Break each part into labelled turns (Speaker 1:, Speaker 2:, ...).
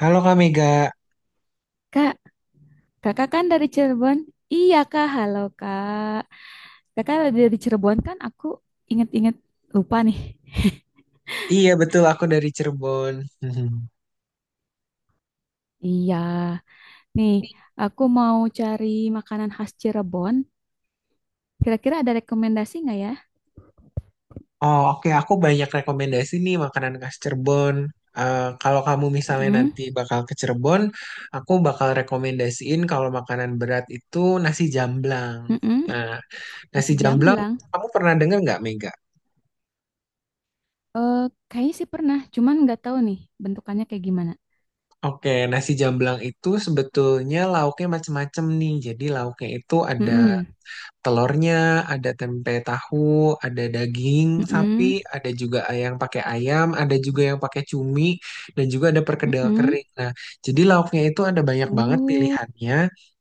Speaker 1: Halo Kak Mega,
Speaker 2: Kak, kakak kan dari Cirebon? Iya kak, halo kak. Kakak dari Cirebon kan aku inget-inget lupa nih.
Speaker 1: iya betul aku dari Cirebon. Mhm.
Speaker 2: Iya, nih aku mau cari makanan khas Cirebon. Kira-kira ada rekomendasi nggak ya?
Speaker 1: Oh oke, aku banyak rekomendasi nih makanan khas Cirebon. Kalau kamu misalnya
Speaker 2: Mm-mm,
Speaker 1: nanti bakal ke Cirebon, aku bakal rekomendasiin kalau makanan berat itu nasi jamblang.
Speaker 2: mm-mm.
Speaker 1: Nah, nasi
Speaker 2: Nasi
Speaker 1: jamblang
Speaker 2: jamblang.
Speaker 1: kamu pernah dengar nggak Mega?
Speaker 2: Eh, kayaknya sih pernah, cuman nggak tahu nih bentukannya kayak gimana.
Speaker 1: Oke, nasi jamblang itu sebetulnya lauknya macem-macem nih. Jadi lauknya itu ada
Speaker 2: Mm-mm,
Speaker 1: telurnya, ada tempe tahu, ada daging sapi,
Speaker 2: mm-mm,
Speaker 1: ada juga yang pakai ayam, ada juga yang pakai cumi, dan juga ada perkedel
Speaker 2: mm-mm.
Speaker 1: kering. Nah, jadi lauknya itu ada banyak banget
Speaker 2: Oh,
Speaker 1: pilihannya.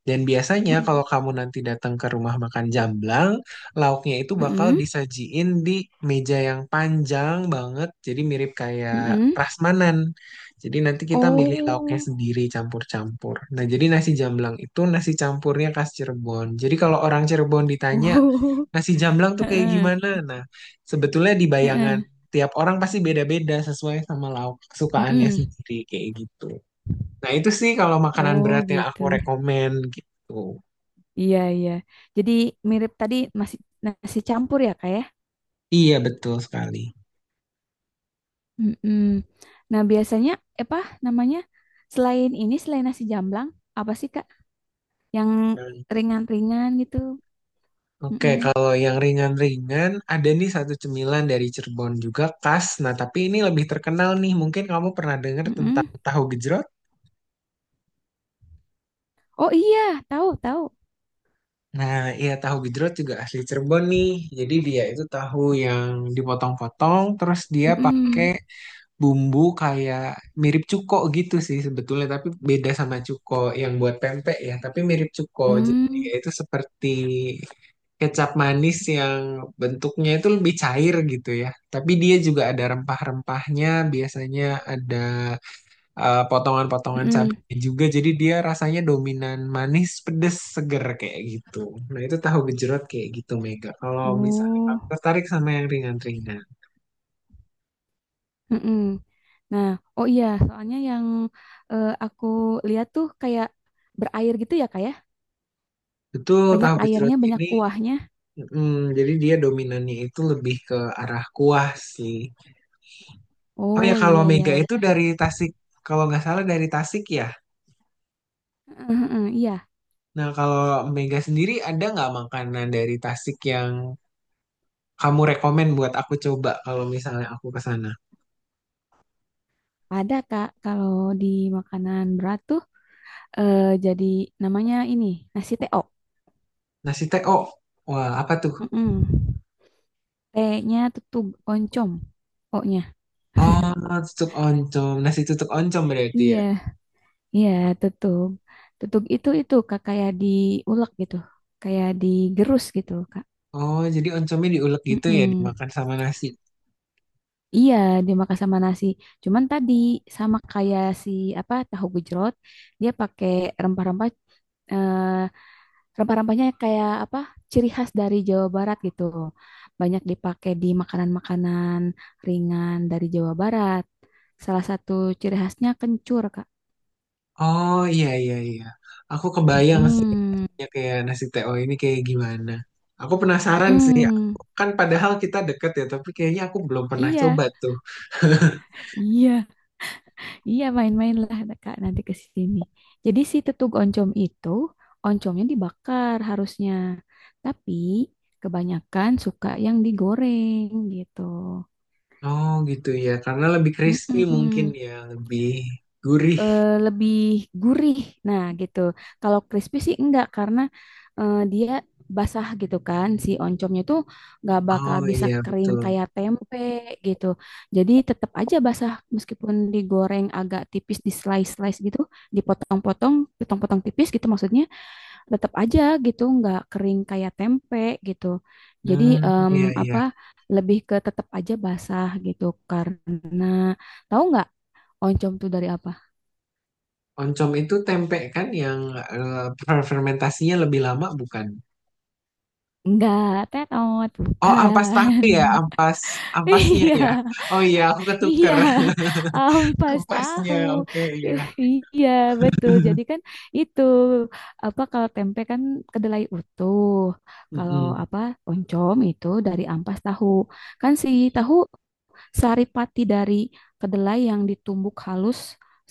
Speaker 1: Dan biasanya
Speaker 2: mm-mm,
Speaker 1: kalau kamu nanti datang ke rumah makan Jamblang, lauknya itu bakal
Speaker 2: mm-mm,
Speaker 1: disajiin di meja yang panjang banget, jadi mirip kayak
Speaker 2: mm-mm.
Speaker 1: prasmanan. Jadi nanti kita Oh, milih lauknya
Speaker 2: Oh,
Speaker 1: sendiri campur-campur. Nah, jadi nasi jamblang itu nasi campurnya khas Cirebon. Jadi kalau orang Cirebon ditanya
Speaker 2: oh.
Speaker 1: nasi jamblang tuh kayak gimana?
Speaker 2: Heeh,
Speaker 1: Nah, sebetulnya di bayangan
Speaker 2: heeh,
Speaker 1: tiap orang pasti beda-beda sesuai sama lauk kesukaannya
Speaker 2: mm-mm.
Speaker 1: sendiri kayak gitu. Nah, itu sih kalau makanan
Speaker 2: Oh
Speaker 1: berat yang aku
Speaker 2: gitu.
Speaker 1: rekomen gitu.
Speaker 2: Iya, iya. Jadi mirip tadi nasi nasi campur ya kak ya.
Speaker 1: Iya, betul sekali.
Speaker 2: Mm-mm. Nah, biasanya apa namanya selain nasi jamblang, apa sih kak yang ringan-ringan gitu?
Speaker 1: Oke,
Speaker 2: Mm-mm,
Speaker 1: kalau yang ringan-ringan, ada nih satu cemilan dari Cirebon juga khas. Nah, tapi ini lebih terkenal nih. Mungkin kamu pernah dengar tentang
Speaker 2: mm-mm.
Speaker 1: tahu gejrot?
Speaker 2: Oh iya, tahu tahu.
Speaker 1: Nah, iya tahu gejrot juga asli Cirebon nih. Jadi dia itu tahu yang dipotong-potong, terus dia pakai
Speaker 2: Mm-mm.
Speaker 1: bumbu kayak mirip cuko gitu sih sebetulnya, tapi beda sama cuko yang buat pempek ya, tapi mirip cuko. Jadi dia
Speaker 2: Mm,
Speaker 1: itu seperti kecap manis yang bentuknya itu lebih cair gitu ya. Tapi dia juga ada rempah-rempahnya, biasanya ada potongan-potongan
Speaker 2: mm-mm.
Speaker 1: cabenya juga. Jadi dia rasanya dominan manis, pedes, seger kayak gitu. Nah itu tahu gejrot kayak gitu Mega. Kalau misalnya kamu
Speaker 2: Oh,
Speaker 1: tertarik sama yang ringan-ringan.
Speaker 2: mm-mm. Nah, oh iya soalnya aku lihat tuh kayak berair gitu ya kak ya?
Speaker 1: Betul,
Speaker 2: Banyak
Speaker 1: tahu
Speaker 2: airnya,
Speaker 1: gejrot
Speaker 2: banyak
Speaker 1: ini.
Speaker 2: kuahnya.
Speaker 1: Mm, jadi dia dominannya itu lebih ke arah kuah sih. Oh ya
Speaker 2: Oh
Speaker 1: kalau
Speaker 2: iya
Speaker 1: Mega
Speaker 2: ya.
Speaker 1: itu dari Tasik. Kalau nggak salah dari Tasik ya.
Speaker 2: Heeh, heeh, iya,
Speaker 1: Nah, kalau Mega sendiri ada nggak makanan dari Tasik yang kamu rekomen buat aku coba kalau misalnya aku ke sana?
Speaker 2: ada Kak. Kalau di makanan berat tuh, jadi namanya ini nasi teo.
Speaker 1: Nasi teh, oh, wah apa tuh?
Speaker 2: Heeh. T-nya tutug oncom. O-nya.
Speaker 1: Oh, tutuk oncom, nasi tutuk oncom berarti
Speaker 2: Iya,
Speaker 1: ya.
Speaker 2: iya tutug. Tutug itu Kak kayak diulek gitu. Kayak digerus gitu, Kak.
Speaker 1: Oh, jadi oncomnya diulek gitu ya,
Speaker 2: Heeh.
Speaker 1: dimakan sama nasi.
Speaker 2: Iya, dimakan sama nasi. Cuman tadi sama kayak si apa tahu gejrot, dia pakai rempah-rempah. eh, Rempah-rempahnya kayak apa? Ciri khas dari Jawa Barat gitu. Banyak dipakai di makanan-makanan ringan dari Jawa Barat. Salah satu ciri khasnya kencur, Kak.
Speaker 1: Oh iya iya iya, aku kebayang sih
Speaker 2: Mm-mm.
Speaker 1: ya kayak nasi teh. Oh ini kayak gimana? Aku penasaran sih.
Speaker 2: Mm-mm.
Speaker 1: Kan padahal kita deket ya, tapi kayaknya aku belum pernah
Speaker 2: Iya,
Speaker 1: coba tuh.
Speaker 2: iya, iya, main-mainlah Kak nanti ke sini. Jadi si tetug oncom itu oncomnya dibakar harusnya. Tapi kebanyakan suka yang digoreng gitu.
Speaker 1: Oh gitu ya, karena lebih crispy mungkin
Speaker 2: Mm-mm.
Speaker 1: ya, lebih gurih.
Speaker 2: Lebih gurih. Nah, gitu. Kalau crispy sih enggak, karena dia basah gitu kan. Si oncomnya tuh nggak bakal
Speaker 1: Oh
Speaker 2: bisa
Speaker 1: iya
Speaker 2: kering
Speaker 1: betul.
Speaker 2: kayak tempe gitu. Jadi tetap aja basah meskipun digoreng agak tipis di slice-slice gitu, dipotong-potong, potong-potong tipis gitu maksudnya, tetap aja gitu nggak kering kayak tempe gitu. Jadi
Speaker 1: Hmm, iya iya.
Speaker 2: apa, lebih ke tetap aja basah gitu, karena tahu nggak oncom tuh dari apa?
Speaker 1: Oncom itu tempe kan yang eh, fermentasinya lebih lama bukan?
Speaker 2: Enggak, terot,
Speaker 1: Oh ampas tahu
Speaker 2: bukan.
Speaker 1: ya, ampas ampasnya
Speaker 2: Iya,
Speaker 1: ya. Oh iya aku
Speaker 2: iya,
Speaker 1: ketuker.
Speaker 2: ampas
Speaker 1: Ampasnya,
Speaker 2: tahu.
Speaker 1: oke iya.
Speaker 2: Eh, Iya, betul. Jadi kan itu apa, kalau tempe kan kedelai utuh. Kalau
Speaker 1: Mm-mm.
Speaker 2: apa, oncom itu dari ampas tahu. Kan si tahu saripati dari kedelai yang ditumbuk halus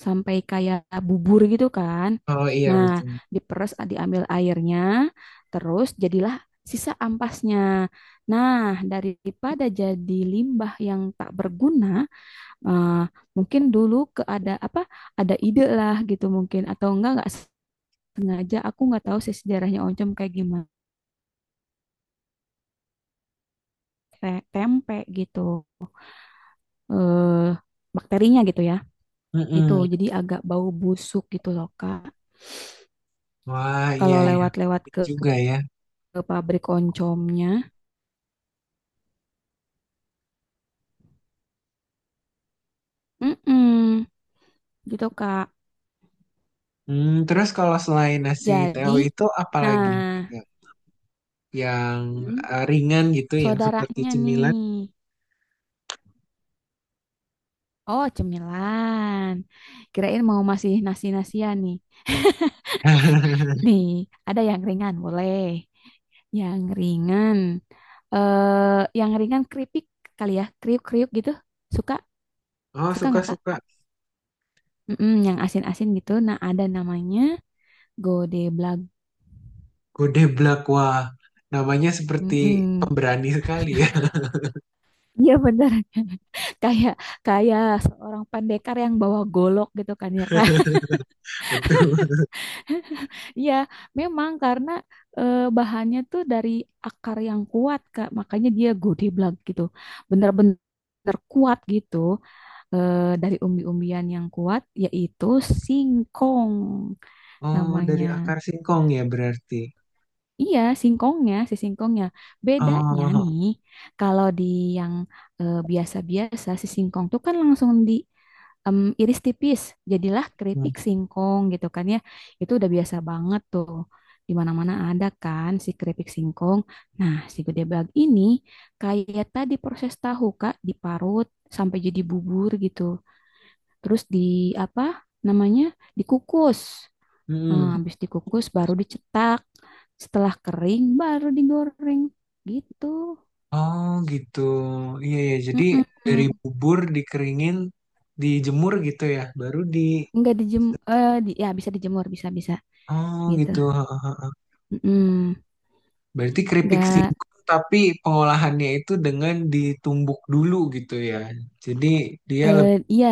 Speaker 2: sampai kayak bubur gitu kan.
Speaker 1: Oh iya
Speaker 2: Nah,
Speaker 1: betul.
Speaker 2: diperes diambil airnya, terus jadilah sisa ampasnya. Nah, daripada jadi limbah yang tak berguna, eh, mungkin dulu ke ada apa, ada ide lah gitu, mungkin atau enggak sengaja, aku nggak tahu sih sejarahnya oncom kayak gimana tempe gitu. Eh, bakterinya gitu ya. Gitu.
Speaker 1: Mm-mm.
Speaker 2: Jadi agak bau busuk gitu loh, Kak.
Speaker 1: Wah iya
Speaker 2: Kalau
Speaker 1: iya
Speaker 2: lewat-lewat ke,
Speaker 1: juga ya.
Speaker 2: ke pabrik oncomnya, mm-mm, gitu, Kak.
Speaker 1: Hmm, terus kalau selain nasi
Speaker 2: Jadi,
Speaker 1: teo itu apa lagi?
Speaker 2: nah,
Speaker 1: Yang
Speaker 2: mm,
Speaker 1: ringan gitu, yang seperti
Speaker 2: saudaranya
Speaker 1: cemilan.
Speaker 2: nih, oh cemilan. Kirain mau masih nasi-nasian nih. Nih, ada yang ringan, boleh. Yang ringan, yang ringan keripik kali ya, kriuk-kriuk gitu. Suka,
Speaker 1: Oh,
Speaker 2: suka nggak, Kak?
Speaker 1: suka-suka.
Speaker 2: Mm-mm, yang asin-asin gitu. Nah, ada namanya Godeblag, blag.
Speaker 1: Godeblak, wah. Namanya seperti
Speaker 2: Mm-mm.
Speaker 1: pemberani sekali ya.
Speaker 2: Iya bener. kayak kayak seorang pendekar yang bawa golok gitu kan ya Kak.
Speaker 1: Betul.
Speaker 2: Iya, memang karena bahannya tuh dari akar yang kuat Kak, makanya dia godeblag gitu. Bener-bener kuat gitu, dari umbi-umbian yang kuat yaitu singkong
Speaker 1: Oh, dari akar
Speaker 2: namanya.
Speaker 1: singkong ya berarti.
Speaker 2: Iya, singkongnya, si singkongnya. Bedanya
Speaker 1: Oh,
Speaker 2: nih, kalau di yang biasa-biasa, si singkong tuh kan langsung di iris tipis, jadilah keripik singkong gitu kan ya. Itu udah biasa banget tuh. Di mana-mana ada kan si keripik singkong. Nah, si gede bag ini kayak tadi proses tahu Kak, diparut sampai jadi bubur gitu. Terus di apa namanya? Dikukus.
Speaker 1: hmm.
Speaker 2: Nah, habis dikukus baru dicetak. Setelah kering baru digoreng. Gitu.
Speaker 1: Oh gitu. Iya ya. Jadi dari
Speaker 2: Mm-mm.
Speaker 1: bubur dikeringin, dijemur gitu ya, baru di.
Speaker 2: Nggak ya bisa dijemur, bisa bisa
Speaker 1: Oh
Speaker 2: gitu.
Speaker 1: gitu.
Speaker 2: Mm-mm.
Speaker 1: Berarti keripik
Speaker 2: Nggak,
Speaker 1: singkong tapi pengolahannya itu dengan ditumbuk dulu gitu ya. Jadi dia lebih
Speaker 2: iya,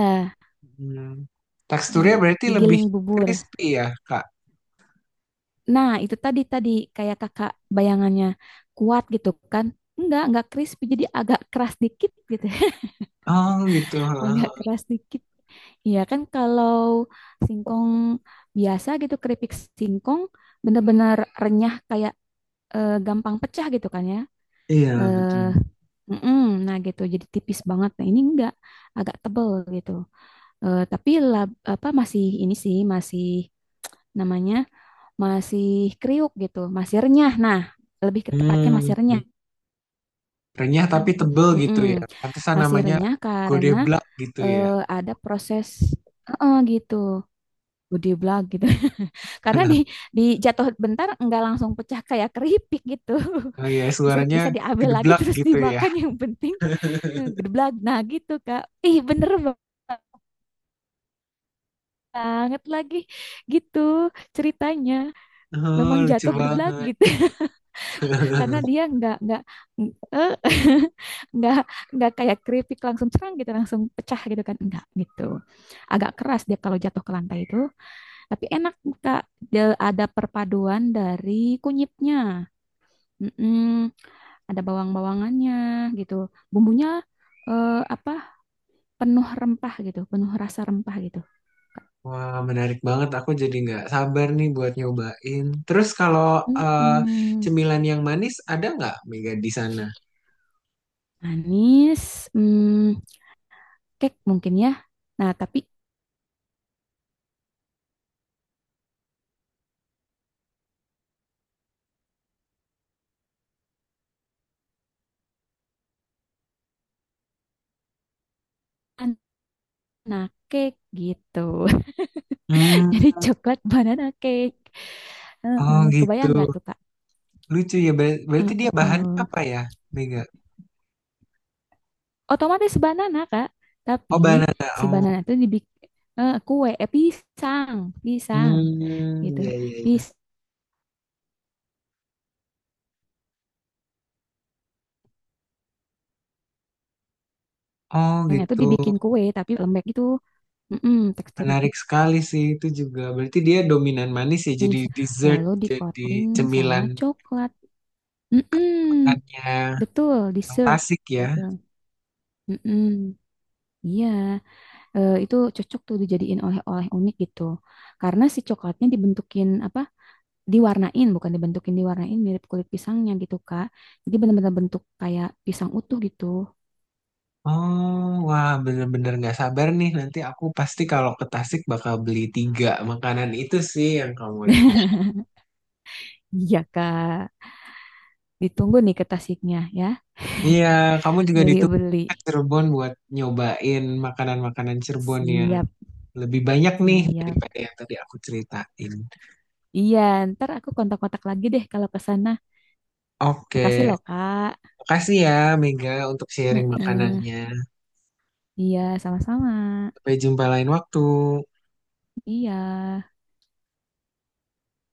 Speaker 1: hmm, teksturnya
Speaker 2: di
Speaker 1: berarti lebih
Speaker 2: digiling bubur.
Speaker 1: crispy ya, Kak.
Speaker 2: Nah, itu tadi tadi kayak kakak bayangannya kuat gitu kan. Enggak crispy, jadi agak keras dikit gitu,
Speaker 1: Oh gitu.
Speaker 2: agak keras dikit. Iya kan kalau singkong biasa gitu, keripik singkong bener-bener renyah, kayak gampang pecah gitu kan ya.
Speaker 1: Iya, betul.
Speaker 2: Eh, mm-mm, nah gitu, jadi tipis banget. Nah, ini enggak, agak tebel gitu. Tapi apa, masih ini sih, masih namanya masih kriuk gitu, masih renyah. Nah, lebih ke tepatnya
Speaker 1: Hmm.
Speaker 2: masih renyah.
Speaker 1: Renyah tapi tebel gitu
Speaker 2: Mm-mm,
Speaker 1: ya. Pantesan
Speaker 2: masih
Speaker 1: namanya
Speaker 2: renyah karena
Speaker 1: godeblak gitu ya.
Speaker 2: eh, ada proses, gitu. Gede blag gitu. Karena di jatuh bentar nggak langsung pecah kayak keripik gitu.
Speaker 1: Oh iya,
Speaker 2: Bisa
Speaker 1: suaranya
Speaker 2: bisa diambil lagi
Speaker 1: gedeblak
Speaker 2: terus
Speaker 1: gitu ya.
Speaker 2: dimakan, yang penting gede blag. Nah, gitu, Kak. Ih, bener banget lagi gitu ceritanya. Memang
Speaker 1: Oh, lucu
Speaker 2: jatuh gede blag
Speaker 1: banget.
Speaker 2: gitu. Karena dia nggak eh, nggak nggak kayak keripik langsung cerang gitu, langsung pecah gitu kan. Enggak gitu. Agak keras dia kalau jatuh ke lantai itu, tapi enak, Kak. Dia ada perpaduan dari kunyitnya. Mm-mm, ada bawang-bawangannya gitu. Bumbunya apa? Penuh rempah gitu, penuh rasa rempah gitu.
Speaker 1: Wah, menarik banget. Aku jadi nggak sabar nih buat nyobain. Terus kalau eh,
Speaker 2: Mm-mm,
Speaker 1: cemilan yang manis ada nggak Mega di sana?
Speaker 2: manis, mm, cake mungkin ya. Nah, tapi banana cake gitu. Jadi
Speaker 1: Hmm,
Speaker 2: coklat banana cake.
Speaker 1: oh
Speaker 2: Heeh,
Speaker 1: gitu.
Speaker 2: kebayang nggak tuh, Kak?
Speaker 1: Lucu ya. Ber- berarti dia bahannya
Speaker 2: Heeh.
Speaker 1: apa ya, Mega?
Speaker 2: Otomatis banana, Kak.
Speaker 1: Oh,
Speaker 2: Tapi
Speaker 1: banana.
Speaker 2: si
Speaker 1: Oh,
Speaker 2: banana itu dibikin kue, pisang, pisang
Speaker 1: hmm,
Speaker 2: gitu.
Speaker 1: iya iya iya. Oh
Speaker 2: Yang tuh
Speaker 1: gitu.
Speaker 2: dibikin kue tapi lembek gitu. Mm-mm, teksturnya
Speaker 1: Menarik sekali sih itu juga. Berarti dia dominan manis ya. Jadi
Speaker 2: manis.
Speaker 1: dessert,
Speaker 2: Lalu di
Speaker 1: jadi
Speaker 2: coating sama
Speaker 1: cemilan
Speaker 2: coklat. Mm-mm,
Speaker 1: makannya.
Speaker 2: betul, dessert
Speaker 1: Fantastik ya.
Speaker 2: gitu. Mm-mm, iya. Itu cocok tuh dijadiin oleh-oleh unik gitu. Karena si coklatnya dibentukin apa? Diwarnain, bukan dibentukin, diwarnain mirip kulit pisangnya gitu, Kak. Jadi benar-benar bentuk kayak pisang utuh gitu.
Speaker 1: Oh, wah bener-bener nggak sabar nih. Nanti aku pasti kalau ke Tasik bakal beli 3 makanan itu sih yang kamu rekom.
Speaker 2: Iya, Kak. Ditunggu nih ke Tasiknya ya.
Speaker 1: Iya, kamu juga ditunggu
Speaker 2: Beli-beli.
Speaker 1: ke Cirebon buat nyobain makanan-makanan Cirebon yang
Speaker 2: Siap,
Speaker 1: lebih banyak nih
Speaker 2: siap.
Speaker 1: daripada yang tadi aku ceritain.
Speaker 2: Iya, ntar aku kontak-kontak lagi deh kalau ke sana.
Speaker 1: Oke,
Speaker 2: Makasih loh, Kak.
Speaker 1: makasih ya Mega untuk sharing
Speaker 2: Heeh.
Speaker 1: makanannya.
Speaker 2: Iya, sama-sama.
Speaker 1: Sampai jumpa lain waktu.
Speaker 2: Iya.